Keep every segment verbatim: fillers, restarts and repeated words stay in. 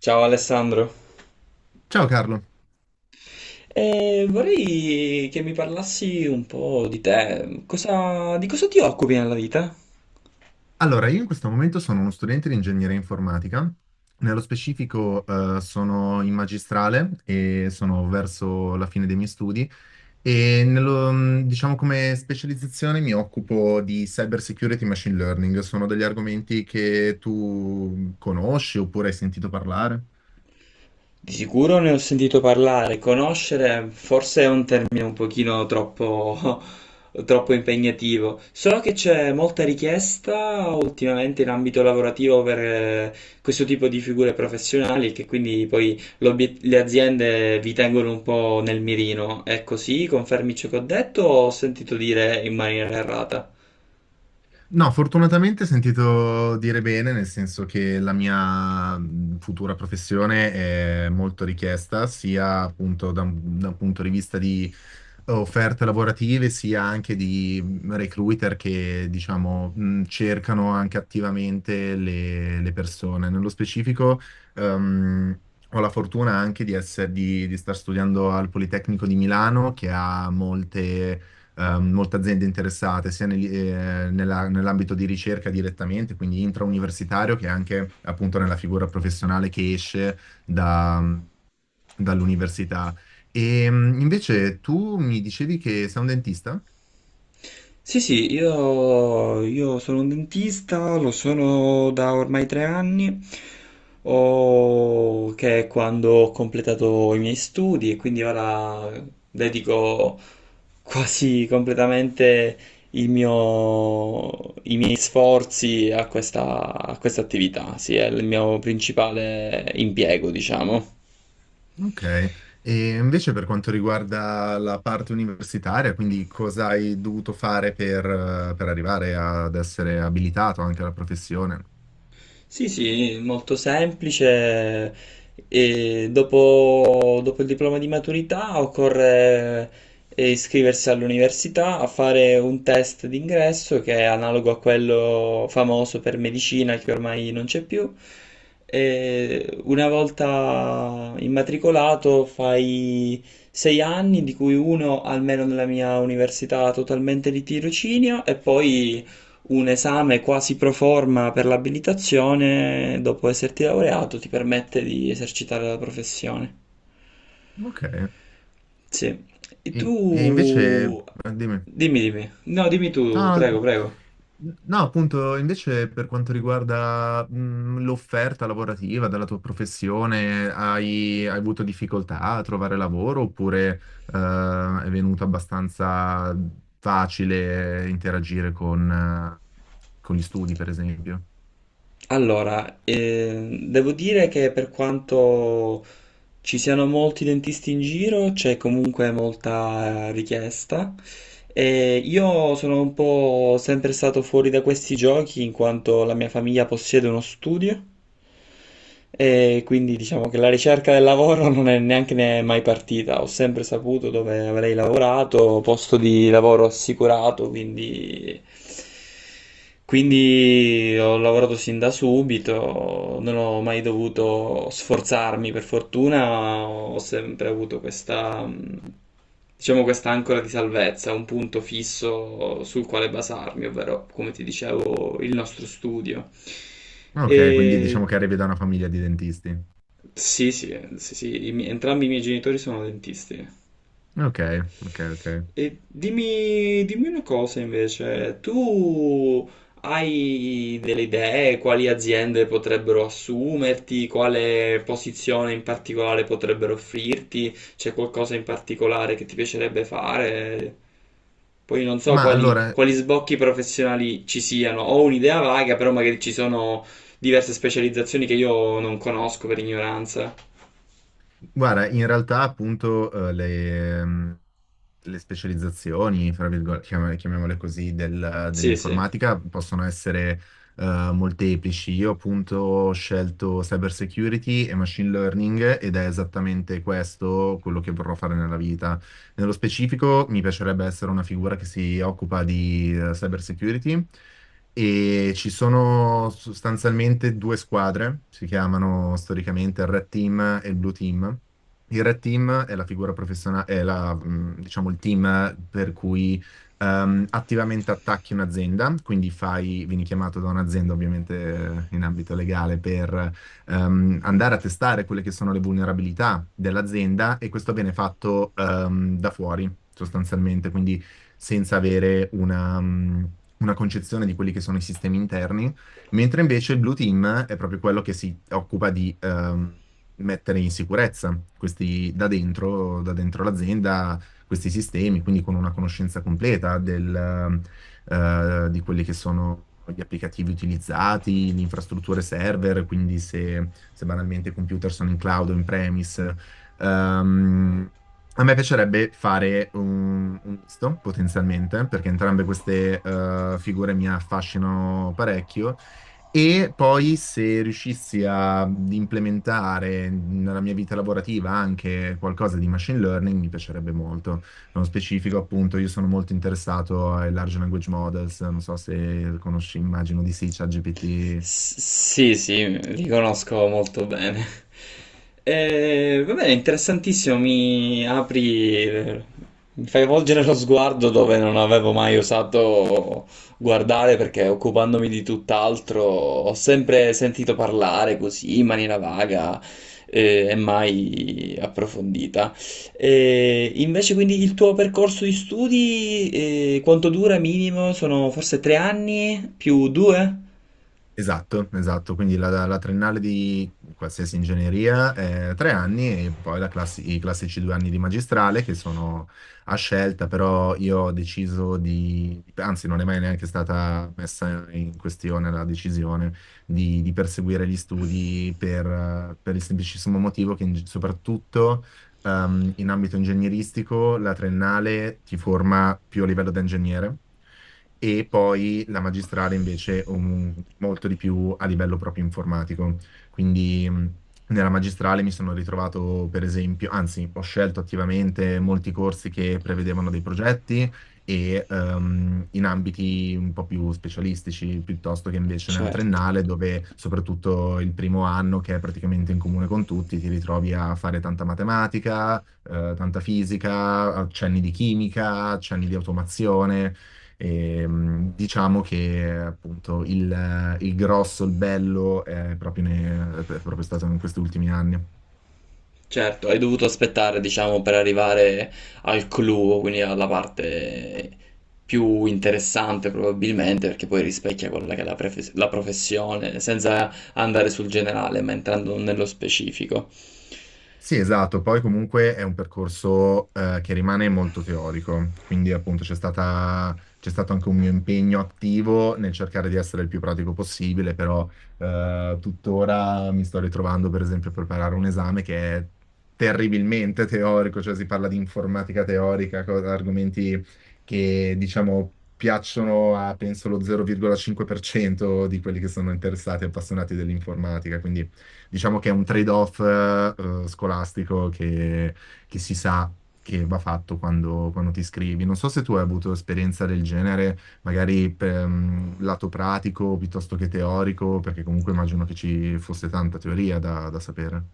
Ciao Alessandro. Ciao Carlo, Eh, vorrei che mi parlassi un po' di te. Cosa- di cosa ti occupi nella vita? allora io in questo momento sono uno studente di ingegneria informatica, nello specifico eh, sono in magistrale e sono verso la fine dei miei studi e nello- mh, diciamo come specializzazione mi occupo di cyber security e machine learning, sono degli argomenti che tu conosci oppure hai sentito parlare? Di sicuro ne ho sentito parlare, conoscere forse è un termine un pochino troppo, troppo impegnativo. So che c'è molta richiesta ultimamente in ambito lavorativo per eh, questo tipo di figure professionali e che quindi poi l'obiet- le aziende vi tengono un po' nel mirino. È così? Confermi ciò che ho detto o ho sentito dire in maniera errata? No, fortunatamente ho sentito dire bene, nel senso che la mia mh, futura professione è molto richiesta, sia appunto da un, da un punto di vista di offerte lavorative, sia anche di mh, recruiter che, diciamo, mh, cercano anche attivamente le, le persone. Nello specifico, ehm, ho la fortuna anche di essere, di, di star studiando al Politecnico di Milano, che ha molte ehm, molte aziende interessate sia negli- eh, nella- nell'ambito di ricerca direttamente, quindi intrauniversitario, che anche appunto nella figura professionale che esce da- dall'università. E mh, invece tu mi dicevi che sei un dentista? Sì, sì, io, io sono un dentista, lo sono da ormai tre anni, o- che è quando ho completato i miei studi e quindi ora dedico quasi completamente il mio- i miei sforzi a questa, a questa attività, sì, è il mio principale impiego, diciamo. Ok, e invece per quanto riguarda la parte universitaria, quindi cosa hai dovuto fare per, eh, per arrivare ad essere abilitato anche alla professione? Sì, sì, molto semplice. E dopo, dopo il diploma di maturità occorre eh, iscriversi all'università a fare un test d'ingresso che è analogo a quello famoso per medicina che ormai non c'è più. E una volta immatricolato fai sei anni, di cui uno almeno nella mia università totalmente di tirocinio, e poi un esame quasi pro forma per l'abilitazione, dopo esserti laureato, ti permette di esercitare la professione. Ok, e, Sì. E e invece, tu... eh, dimmi. Dimmi, dimmi. No, dimmi tu, No, prego, no, prego. no, appunto, invece per quanto riguarda mh, l'offerta lavorativa della tua professione, hai, hai avuto difficoltà a trovare lavoro oppure eh, è venuto abbastanza facile interagire con, eh, con gli studi, per esempio? Allora, eh, devo dire che per quanto ci siano molti dentisti in giro, c'è comunque molta eh, richiesta. E io sono un po' sempre stato fuori da questi giochi in quanto la mia famiglia possiede uno studio. E quindi diciamo che la ricerca del lavoro non è neanche ne- mai partita. Ho sempre saputo dove avrei lavorato, posto di lavoro assicurato, quindi, quindi ho lavorato sin da subito, non ho mai dovuto sforzarmi. Per fortuna ho sempre avuto questa, mh, diciamo, questa ancora di salvezza, un punto fisso sul quale basarmi, ovvero, come ti dicevo, il nostro studio. Ok, quindi E diciamo che arrivi da una famiglia di dentisti. sì, sì, eh, sì, sì, i mi- entrambi i miei genitori sono dentisti. Ok, ok, ok. E dimmi, dimmi una cosa invece, tu hai delle idee quali aziende potrebbero assumerti, quale posizione in particolare potrebbero offrirti, c'è qualcosa in particolare che ti piacerebbe fare? Poi non so Ma quali, allora, quali sbocchi professionali ci siano, ho un'idea vaga, però magari ci sono diverse specializzazioni che io non conosco per ignoranza. guarda, in realtà appunto eh, le, ehm, le specializzazioni, fra virgolette, chiam- chiamiamole così, del- Sì, sì. dell'informatica possono essere eh, molteplici. Io appunto ho scelto cyber security e machine learning ed è esattamente questo quello che vorrò fare nella vita. Nello specifico mi piacerebbe essere una figura che si occupa di eh, cyber security e ci sono sostanzialmente due squadre, si chiamano storicamente il Red Team e il Blue Team. Il Red Team è la figura professionale, è la, mh, diciamo, il team per cui ehm, attivamente attacchi un'azienda, quindi fai, vieni chiamato da un'azienda ovviamente eh, in ambito legale per ehm, andare a testare quelle che sono le vulnerabilità dell'azienda e questo viene fatto ehm, da fuori sostanzialmente, quindi senza avere una, mh, una concezione di quelli che sono i sistemi interni, mentre invece il Blue Team è proprio quello che si occupa di ehm, mettere in sicurezza questi da dentro, da dentro l'azienda, questi sistemi, quindi con una conoscenza completa del, eh, di quelli che sono gli applicativi utilizzati, le infrastrutture server, quindi se, se banalmente i computer sono in cloud o in premise, ehm, a me piacerebbe fare un, un misto, potenzialmente, perché entrambe queste eh, figure mi affascinano parecchio. E poi se riuscissi a implementare nella mia vita lavorativa anche qualcosa di machine learning, mi piacerebbe molto. Nello specifico, appunto, io sono molto interessato ai large language models, non so se conosci, immagino di sì, ChatGPT. S- sì, sì, li conosco molto bene. E, va bene, interessantissimo, mi apri, mi fai volgere lo sguardo dove non avevo mai osato guardare perché occupandomi di tutt'altro ho sempre sentito parlare così in maniera vaga eh, e mai approfondita. E invece quindi il tuo percorso di studi eh, quanto dura minimo? Sono forse tre anni più due? Esatto, esatto, quindi la, la triennale di qualsiasi ingegneria è tre anni e poi la classi- i classici due anni di magistrale che sono a scelta, però io ho deciso di, anzi non è mai neanche stata messa in questione la decisione di, di perseguire gli studi per, per il semplicissimo motivo che in- soprattutto ehm, in ambito ingegneristico la triennale ti forma più a livello da ingegnere e poi la magistrale invece un- molto di più a livello proprio informatico. Quindi mh, nella magistrale mi sono ritrovato, per esempio, anzi, ho scelto attivamente molti corsi che prevedevano dei progetti e ehm, in ambiti un po' più specialistici, piuttosto che invece nella Certo. triennale, dove soprattutto il primo anno, che è praticamente in comune con tutti, ti ritrovi a fare tanta matematica, eh, tanta fisica, accenni di chimica, accenni di automazione. E, mh, diciamo che appunto il, il grosso, il bello è proprio, ne- è proprio stato in questi ultimi anni. Certo, hai dovuto aspettare, diciamo, per arrivare al clou, quindi alla parte più interessante probabilmente, perché poi rispecchia quella che è la, pref- la professione, senza andare sul generale, ma entrando nello specifico. Sì, esatto, poi comunque è un percorso eh, che rimane molto teorico, quindi appunto c'è stata- c'è stato anche un mio impegno attivo nel cercare di essere il più pratico possibile, però eh, tuttora mi sto ritrovando per esempio a preparare un esame che è terribilmente teorico, cioè si parla di informatica teorica, co- argomenti che diciamo piacciono a penso lo zero virgola cinque per cento di quelli che sono interessati e appassionati dell'informatica, quindi diciamo che è un trade-off eh, scolastico che, che si sa che va fatto quando, quando ti iscrivi. Non so se tu hai avuto esperienza del genere, magari per mm, lato pratico piuttosto che teorico, perché comunque immagino che ci fosse tanta teoria da, da sapere.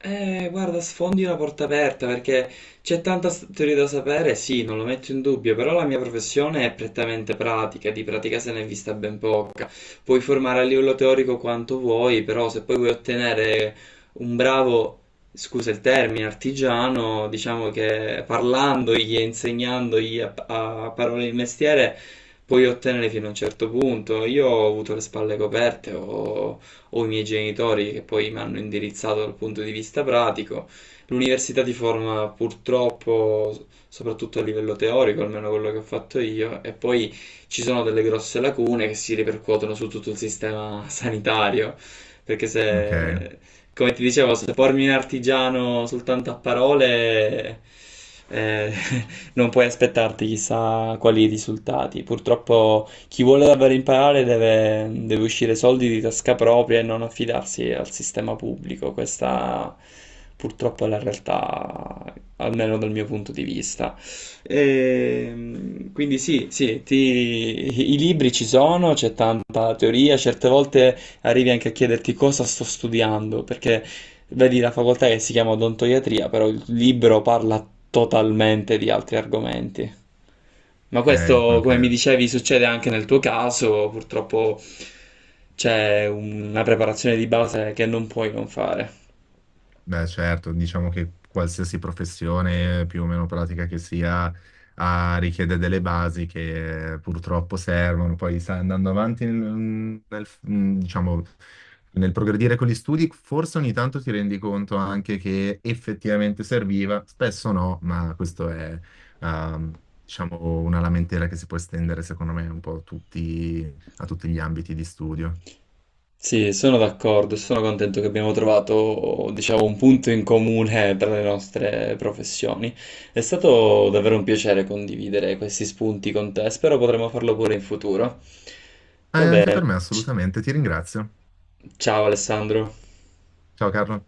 Eh, guarda, sfondi una porta aperta perché c'è tanta s- teoria da sapere, sì, non lo metto in dubbio, però la mia professione è prettamente pratica, di pratica se ne è vista ben poca. Puoi formare a livello teorico quanto vuoi, però se poi vuoi ottenere un bravo, scusa il termine, artigiano, diciamo che parlandogli e insegnandogli a, a parole il mestiere, puoi ottenere fino a un certo punto. Io ho avuto le spalle coperte, ho o i miei genitori che poi mi hanno indirizzato dal punto di vista pratico. L'università ti forma purtroppo soprattutto a livello teorico, almeno quello che ho fatto io, e poi ci sono delle grosse lacune che si ripercuotono su tutto il sistema sanitario, perché Ok, se, come ti dicevo, se formi un artigiano soltanto a parole, eh, non puoi aspettarti chissà quali risultati. Purtroppo chi vuole davvero imparare deve, deve uscire soldi di tasca propria e non affidarsi al sistema pubblico. Questa purtroppo è la realtà, almeno dal mio punto di vista. Ehm, quindi sì, sì, ti- i libri ci sono, c'è tanta teoria, certe volte arrivi anche a chiederti cosa sto studiando, perché vedi la facoltà che si chiama odontoiatria, però il libro parla totalmente di altri argomenti. Ma ok, questo, come mi ok. dicevi, succede anche nel tuo caso, purtroppo c'è una preparazione di base che non puoi non fare. Beh, certo, diciamo che qualsiasi professione più o meno pratica che sia ha- richiede delle basi che eh, purtroppo servono. Poi sai, andando avanti nel, nel- mm, diciamo, nel progredire con gli studi, forse ogni tanto ti rendi conto anche che effettivamente serviva, spesso no, ma questo è ehm, diciamo, una lamentela che si può estendere secondo me un po' a tutti, a tutti gli ambiti di studio. Sì, sono d'accordo, sono contento che abbiamo trovato, diciamo, un punto in comune tra le nostre professioni. È stato davvero un piacere condividere questi spunti con te, spero potremo farlo pure in futuro. Eh, Va anche per bene. me, ci- assolutamente. Ti ringrazio. Ciao Alessandro. Ciao Carlo.